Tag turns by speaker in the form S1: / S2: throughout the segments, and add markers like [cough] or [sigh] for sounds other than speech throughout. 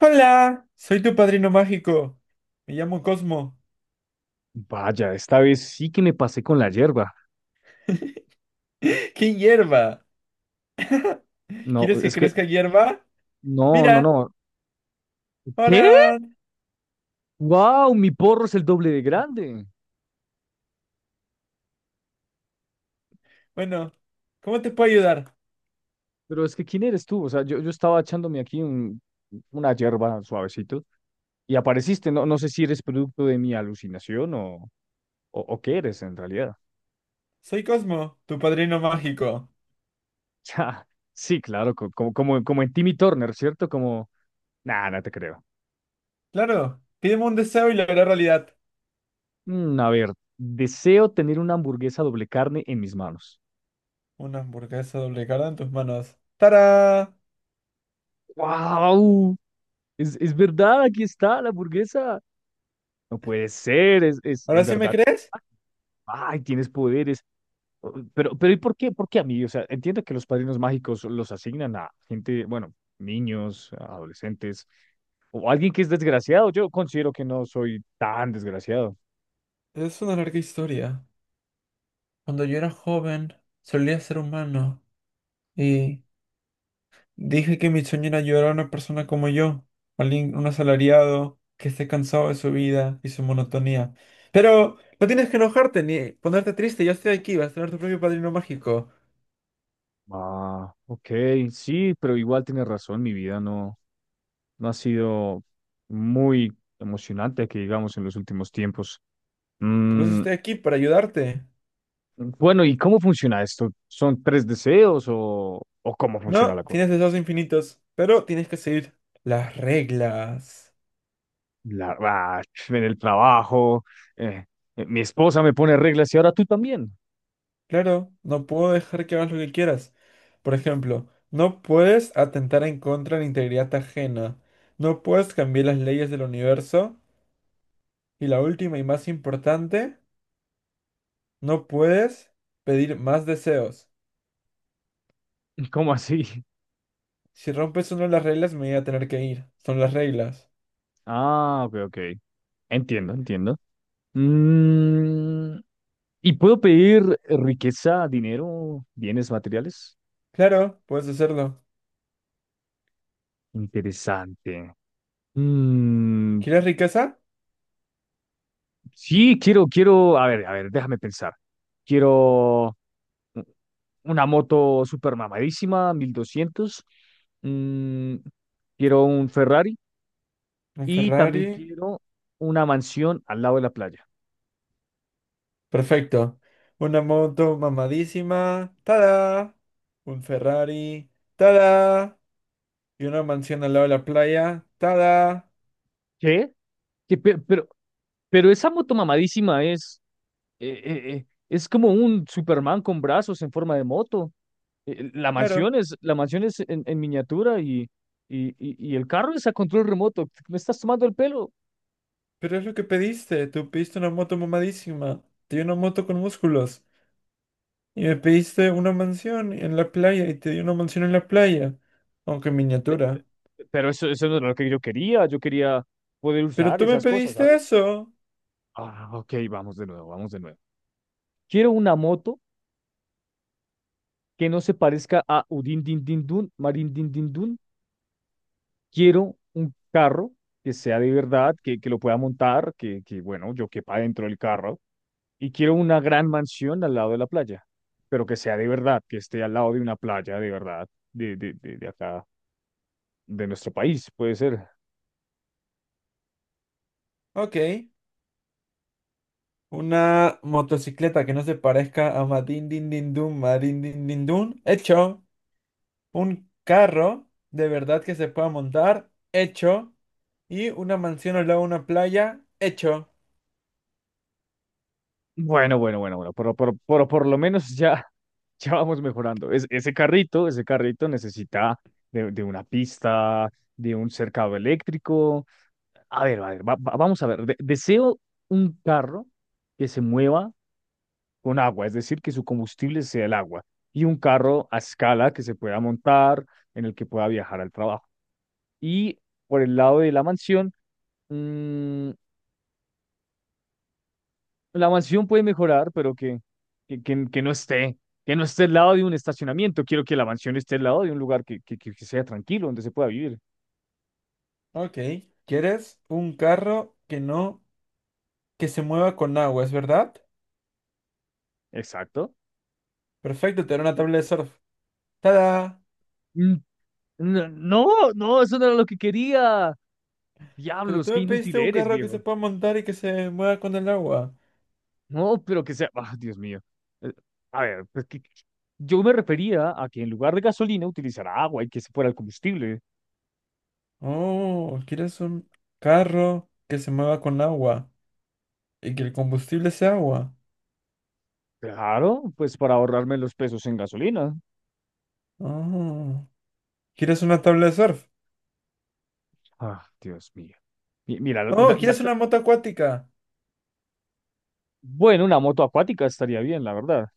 S1: Hola, soy tu padrino mágico. Me llamo Cosmo.
S2: Vaya, esta vez sí que me pasé con la hierba.
S1: [laughs] ¿Qué hierba?
S2: No,
S1: ¿Quieres que
S2: es que,
S1: crezca hierba?
S2: no, no,
S1: Mira,
S2: no. ¿Qué?
S1: ahora...
S2: ¡Wow! Mi porro es el doble de grande.
S1: Bueno, ¿cómo te puedo ayudar?
S2: Pero es que, ¿quién eres tú? O sea, yo estaba echándome aquí una hierba suavecito y apareciste. No, no sé si eres producto de mi alucinación o qué eres en realidad.
S1: Soy Cosmo, tu padrino mágico.
S2: [laughs] Sí, claro, como, como en Timmy Turner, ¿cierto? Como, nada, no te creo.
S1: Claro, pídeme un deseo y lo haré realidad.
S2: A ver, deseo tener una hamburguesa doble carne en mis manos.
S1: Una hamburguesa doble cara en tus manos. ¡Tarán!
S2: ¡Wow! Es verdad, aquí está la hamburguesa. No puede ser, es en
S1: ¿Ahora sí me
S2: verdad.
S1: crees?
S2: Ay, tienes poderes. Pero ¿y por qué? ¿Por qué a mí? O sea, entiendo que los padrinos mágicos los asignan a gente, bueno, niños, adolescentes, o alguien que es desgraciado. Yo considero que no soy tan desgraciado.
S1: Es una larga historia. Cuando yo era joven, solía ser humano y dije que mi sueño era ayudar a una persona como yo, alguien, un asalariado que esté cansado de su vida y su monotonía. Pero no tienes que enojarte ni ponerte triste, yo estoy aquí, vas a tener tu propio padrino mágico.
S2: Ah, ok, sí, pero igual tienes razón, mi vida no, no ha sido muy emocionante, que digamos, en los últimos tiempos.
S1: Por eso
S2: Mm.
S1: estoy aquí, para ayudarte.
S2: Bueno, ¿y cómo funciona esto? ¿Son tres deseos o cómo funciona
S1: No,
S2: la cosa?
S1: tienes deseos infinitos, pero tienes que seguir las reglas.
S2: La- ah, en el trabajo, eh, mi esposa me pone reglas y ahora tú también.
S1: Claro, no puedo dejar que hagas lo que quieras. Por ejemplo, no puedes atentar en contra de la integridad ajena. No puedes cambiar las leyes del universo. Y la última y más importante, no puedes pedir más deseos.
S2: [laughs] ¿Cómo así?
S1: Si rompes una de las reglas, me voy a tener que ir. Son las reglas.
S2: Ah, ok, ok. Entiendo, entiendo. Mm, ¿y puedo pedir riqueza, dinero, bienes materiales?
S1: Claro, puedes hacerlo.
S2: Interesante. Mm,
S1: ¿Quieres riqueza?
S2: sí, quiero, a ver, déjame pensar. Quiero... u- una moto super mamadísima, 1200. Mm, quiero un Ferrari
S1: Un
S2: y también
S1: Ferrari.
S2: quiero una mansión al lado de la playa.
S1: Perfecto. Una moto mamadísima. ¡Tada! Un Ferrari. ¡Tada! Y una mansión al lado de la playa. ¡Tada!
S2: ¿Qué? Que pe- pero, pero, esa moto mamadísima es como un Superman con brazos en forma de moto.
S1: Claro,
S2: La mansión es en miniatura y el carro es a control remoto. ¿Me estás tomando el pelo?
S1: pero es lo que pediste. Tú pediste una moto mamadísima. Te di una moto con músculos. Y me pediste una mansión en la playa y te di una mansión en la playa, aunque en
S2: Pe-
S1: miniatura.
S2: Pero eso no era lo que yo quería. Yo quería poder
S1: Pero
S2: usar
S1: tú me
S2: esas cosas,
S1: pediste
S2: ¿sabes?
S1: eso.
S2: Ah, ok, vamos de nuevo, vamos de nuevo. Quiero una moto que no se parezca a Udin Din Din Dun, Marin Din Din Dun. Quiero un carro que sea de verdad, que lo pueda montar, que, bueno, yo quepa dentro del carro. Y quiero una gran mansión al lado de la playa, pero que sea de verdad, que esté al lado de una playa de verdad, de acá, de nuestro país, puede ser.
S1: Ok. Una motocicleta que no se parezca a Madin Din Din Dun, Madin Din Din Dun. Hecho. Un carro de verdad que se pueda montar. Hecho. Y una mansión al lado de una playa. Hecho.
S2: Bueno, bueno, bueno, bueno, pero por lo menos ya, [laughs] ya vamos mejorando. Ese carrito, ese carrito necesita de una pista, de un cercado eléctrico. A ver, vamos a ver. Deseo un carro que se mueva con agua, es decir, que su combustible sea el agua, y un carro a escala que se pueda montar, en el que pueda viajar al trabajo. Y por el lado de la mansión, mm, la mansión puede mejorar, pero que, que, que- que no esté, que no esté al lado de un estacionamiento. Quiero que la mansión esté al lado de un lugar que, que sea tranquilo, donde se pueda vivir.
S1: Ok. ¿Quieres un carro que no, que se mueva con agua, es verdad?
S2: Exacto.
S1: Perfecto, te daré una tabla de surf. ¡Tada!
S2: Mm, no, no, no, eso no era lo que quería.
S1: Pero tú
S2: Diablos, qué
S1: me
S2: inútil
S1: pediste un
S2: eres,
S1: carro que se
S2: viejo.
S1: pueda montar y que se mueva con el agua.
S2: No, pero que sea. Ah, Dios mío. Eh, A ver, pues que, yo me refería a que en lugar de gasolina utilizara agua y que se fuera el combustible.
S1: Oh, quieres un carro que se mueva con agua y que el combustible sea agua.
S2: Claro, pues para ahorrarme los pesos en gasolina.
S1: Oh, ¿quieres una tabla de surf?
S2: Ah, Dios mío. Mira,
S1: Oh,
S2: la-
S1: ¿quieres una moto acuática?
S2: Bueno, una moto acuática estaría bien, la verdad.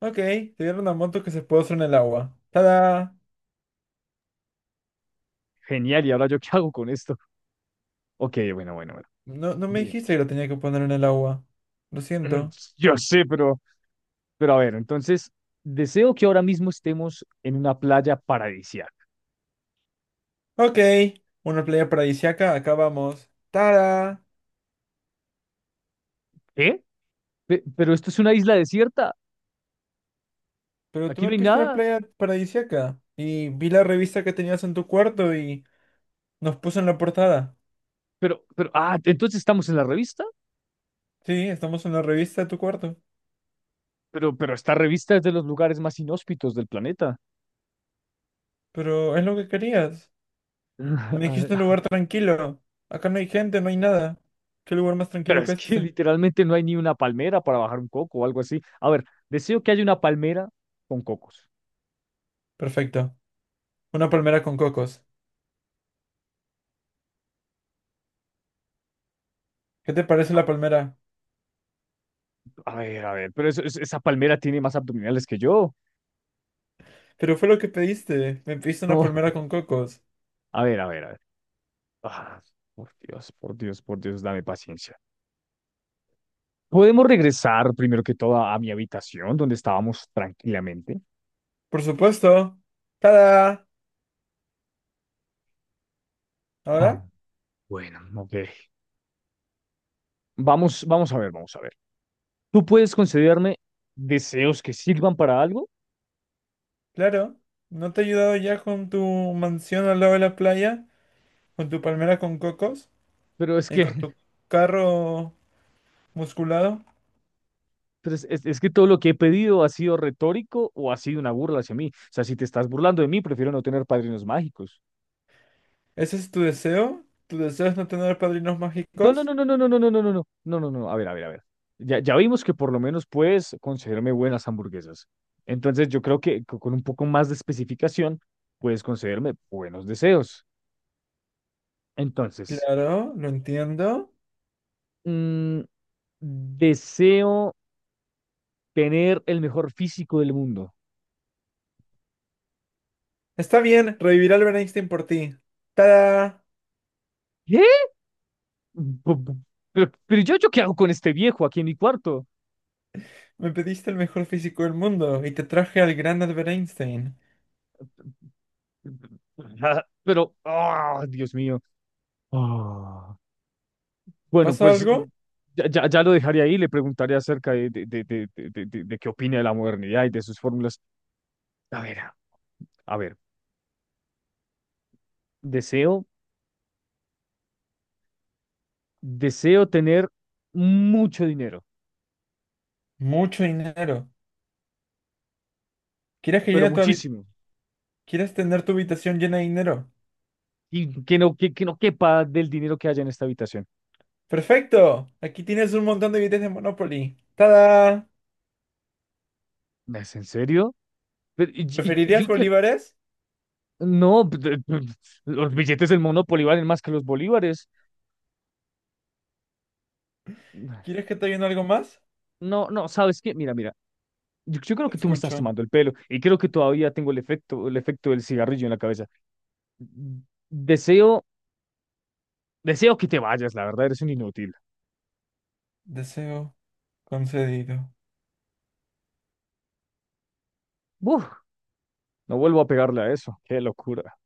S1: Ok, te dieron una moto que se puede usar en el agua. ¡Tada!
S2: Genial, ¿y ahora yo qué hago con esto? Ok, bueno, bueno, bueno.
S1: No, no me
S2: Bien.
S1: dijiste que lo tenía que poner en el agua. Lo
S2: [clears throat]
S1: siento.
S2: Yo sé, pero a ver, entonces, deseo que ahora mismo estemos en una playa paradisíaca.
S1: Ok, una playa paradisíaca. Acá vamos. ¡Tada!
S2: ¿Eh? Pero esto es una isla desierta.
S1: Pero tú
S2: Aquí
S1: me
S2: no hay
S1: pediste una
S2: nada.
S1: playa paradisíaca y vi la revista que tenías en tu cuarto y... Nos puso en la portada.
S2: Pero, ah, entonces estamos en la revista.
S1: Sí, estamos en la revista de tu cuarto.
S2: Pero esta revista es de los lugares más inhóspitos del planeta.
S1: Pero es lo que querías. Me dijiste un
S2: [laughs]
S1: lugar tranquilo. Acá no hay gente, no hay nada. ¿Qué lugar más
S2: Pero
S1: tranquilo
S2: es
S1: que
S2: que
S1: este?
S2: literalmente no hay ni una palmera para bajar un coco o algo así. A ver, deseo que haya una palmera con cocos.
S1: Perfecto. Una palmera con cocos. ¿Qué te parece la palmera?
S2: A ver, pero esa palmera tiene más abdominales que yo.
S1: Pero fue lo que pediste. Me pediste una
S2: No,
S1: palmera con cocos.
S2: a ver, a ver, a ver. Ah, por Dios, por Dios, por Dios, dame paciencia. ¿Podemos regresar primero que todo a mi habitación donde estábamos tranquilamente?
S1: Por supuesto. ¡Tada!
S2: Ah,
S1: ¿Ahora?
S2: bueno, ok. Vamos, vamos a ver, vamos a ver. Tú puedes concederme deseos que sirvan para algo,
S1: Claro. ¿No te he ayudado ya con tu mansión al lado de la playa? ¿Con tu palmera con cocos?
S2: pero es
S1: ¿Y
S2: que,
S1: con
S2: [laughs]
S1: tu carro musculado?
S2: pero es que todo lo que he pedido ha sido retórico o ha sido una burla hacia mí. O sea, si te estás burlando de mí, prefiero no tener padrinos mágicos.
S1: ¿Ese es tu deseo? ¿Tu deseo es no tener padrinos
S2: No, no,
S1: mágicos?
S2: no, no, no, no, no, no, no, no, no, no, no, no, a ver, a ver, a ver. Ya, ya vimos que por lo menos puedes concederme buenas hamburguesas. Entonces yo creo que con un poco más de especificación puedes concederme buenos deseos. Entonces,
S1: Claro, lo entiendo.
S2: mm, deseo tener el mejor físico del mundo.
S1: Está bien, revivirá Albert Einstein por ti. ¡Tada!
S2: ¿Qué? Bu- bu- pero yo, ¿yo qué hago con este viejo aquí en mi cuarto?
S1: Me pediste el mejor físico del mundo y te traje al gran Albert Einstein.
S2: [laughs] Pero, ah, Dios mío. Ah, bueno,
S1: ¿Pasa
S2: pues
S1: algo?
S2: ya, ya lo dejaría ahí, le preguntaría acerca de qué opina de la modernidad y de sus fórmulas. A ver, a ver, deseo, deseo tener mucho dinero,
S1: Mucho dinero. ¿Quieres que
S2: pero
S1: llene tu habi-
S2: muchísimo,
S1: ¿Quieres tener tu habitación llena de dinero?
S2: y que no quepa del dinero que haya en esta habitación.
S1: ¡Perfecto! Aquí tienes un montón de billetes de Monopoly. ¡Tada!
S2: ¿Es en serio? Pero, y, y yo
S1: ¿Preferirías
S2: que,
S1: bolívares?
S2: no, los billetes del Monopoly valen más que los bolívares.
S1: ¿Quieres que te ayude en algo más?
S2: No, no, ¿sabes qué? Mira, mira, yo creo
S1: Te
S2: que tú me estás
S1: escucho.
S2: tomando el pelo y creo que todavía tengo el efecto del cigarrillo en la cabeza. Deseo, deseo que te vayas, la verdad, eres un inútil.
S1: Deseo concedido.
S2: Uf, no vuelvo a pegarle a eso. Qué locura.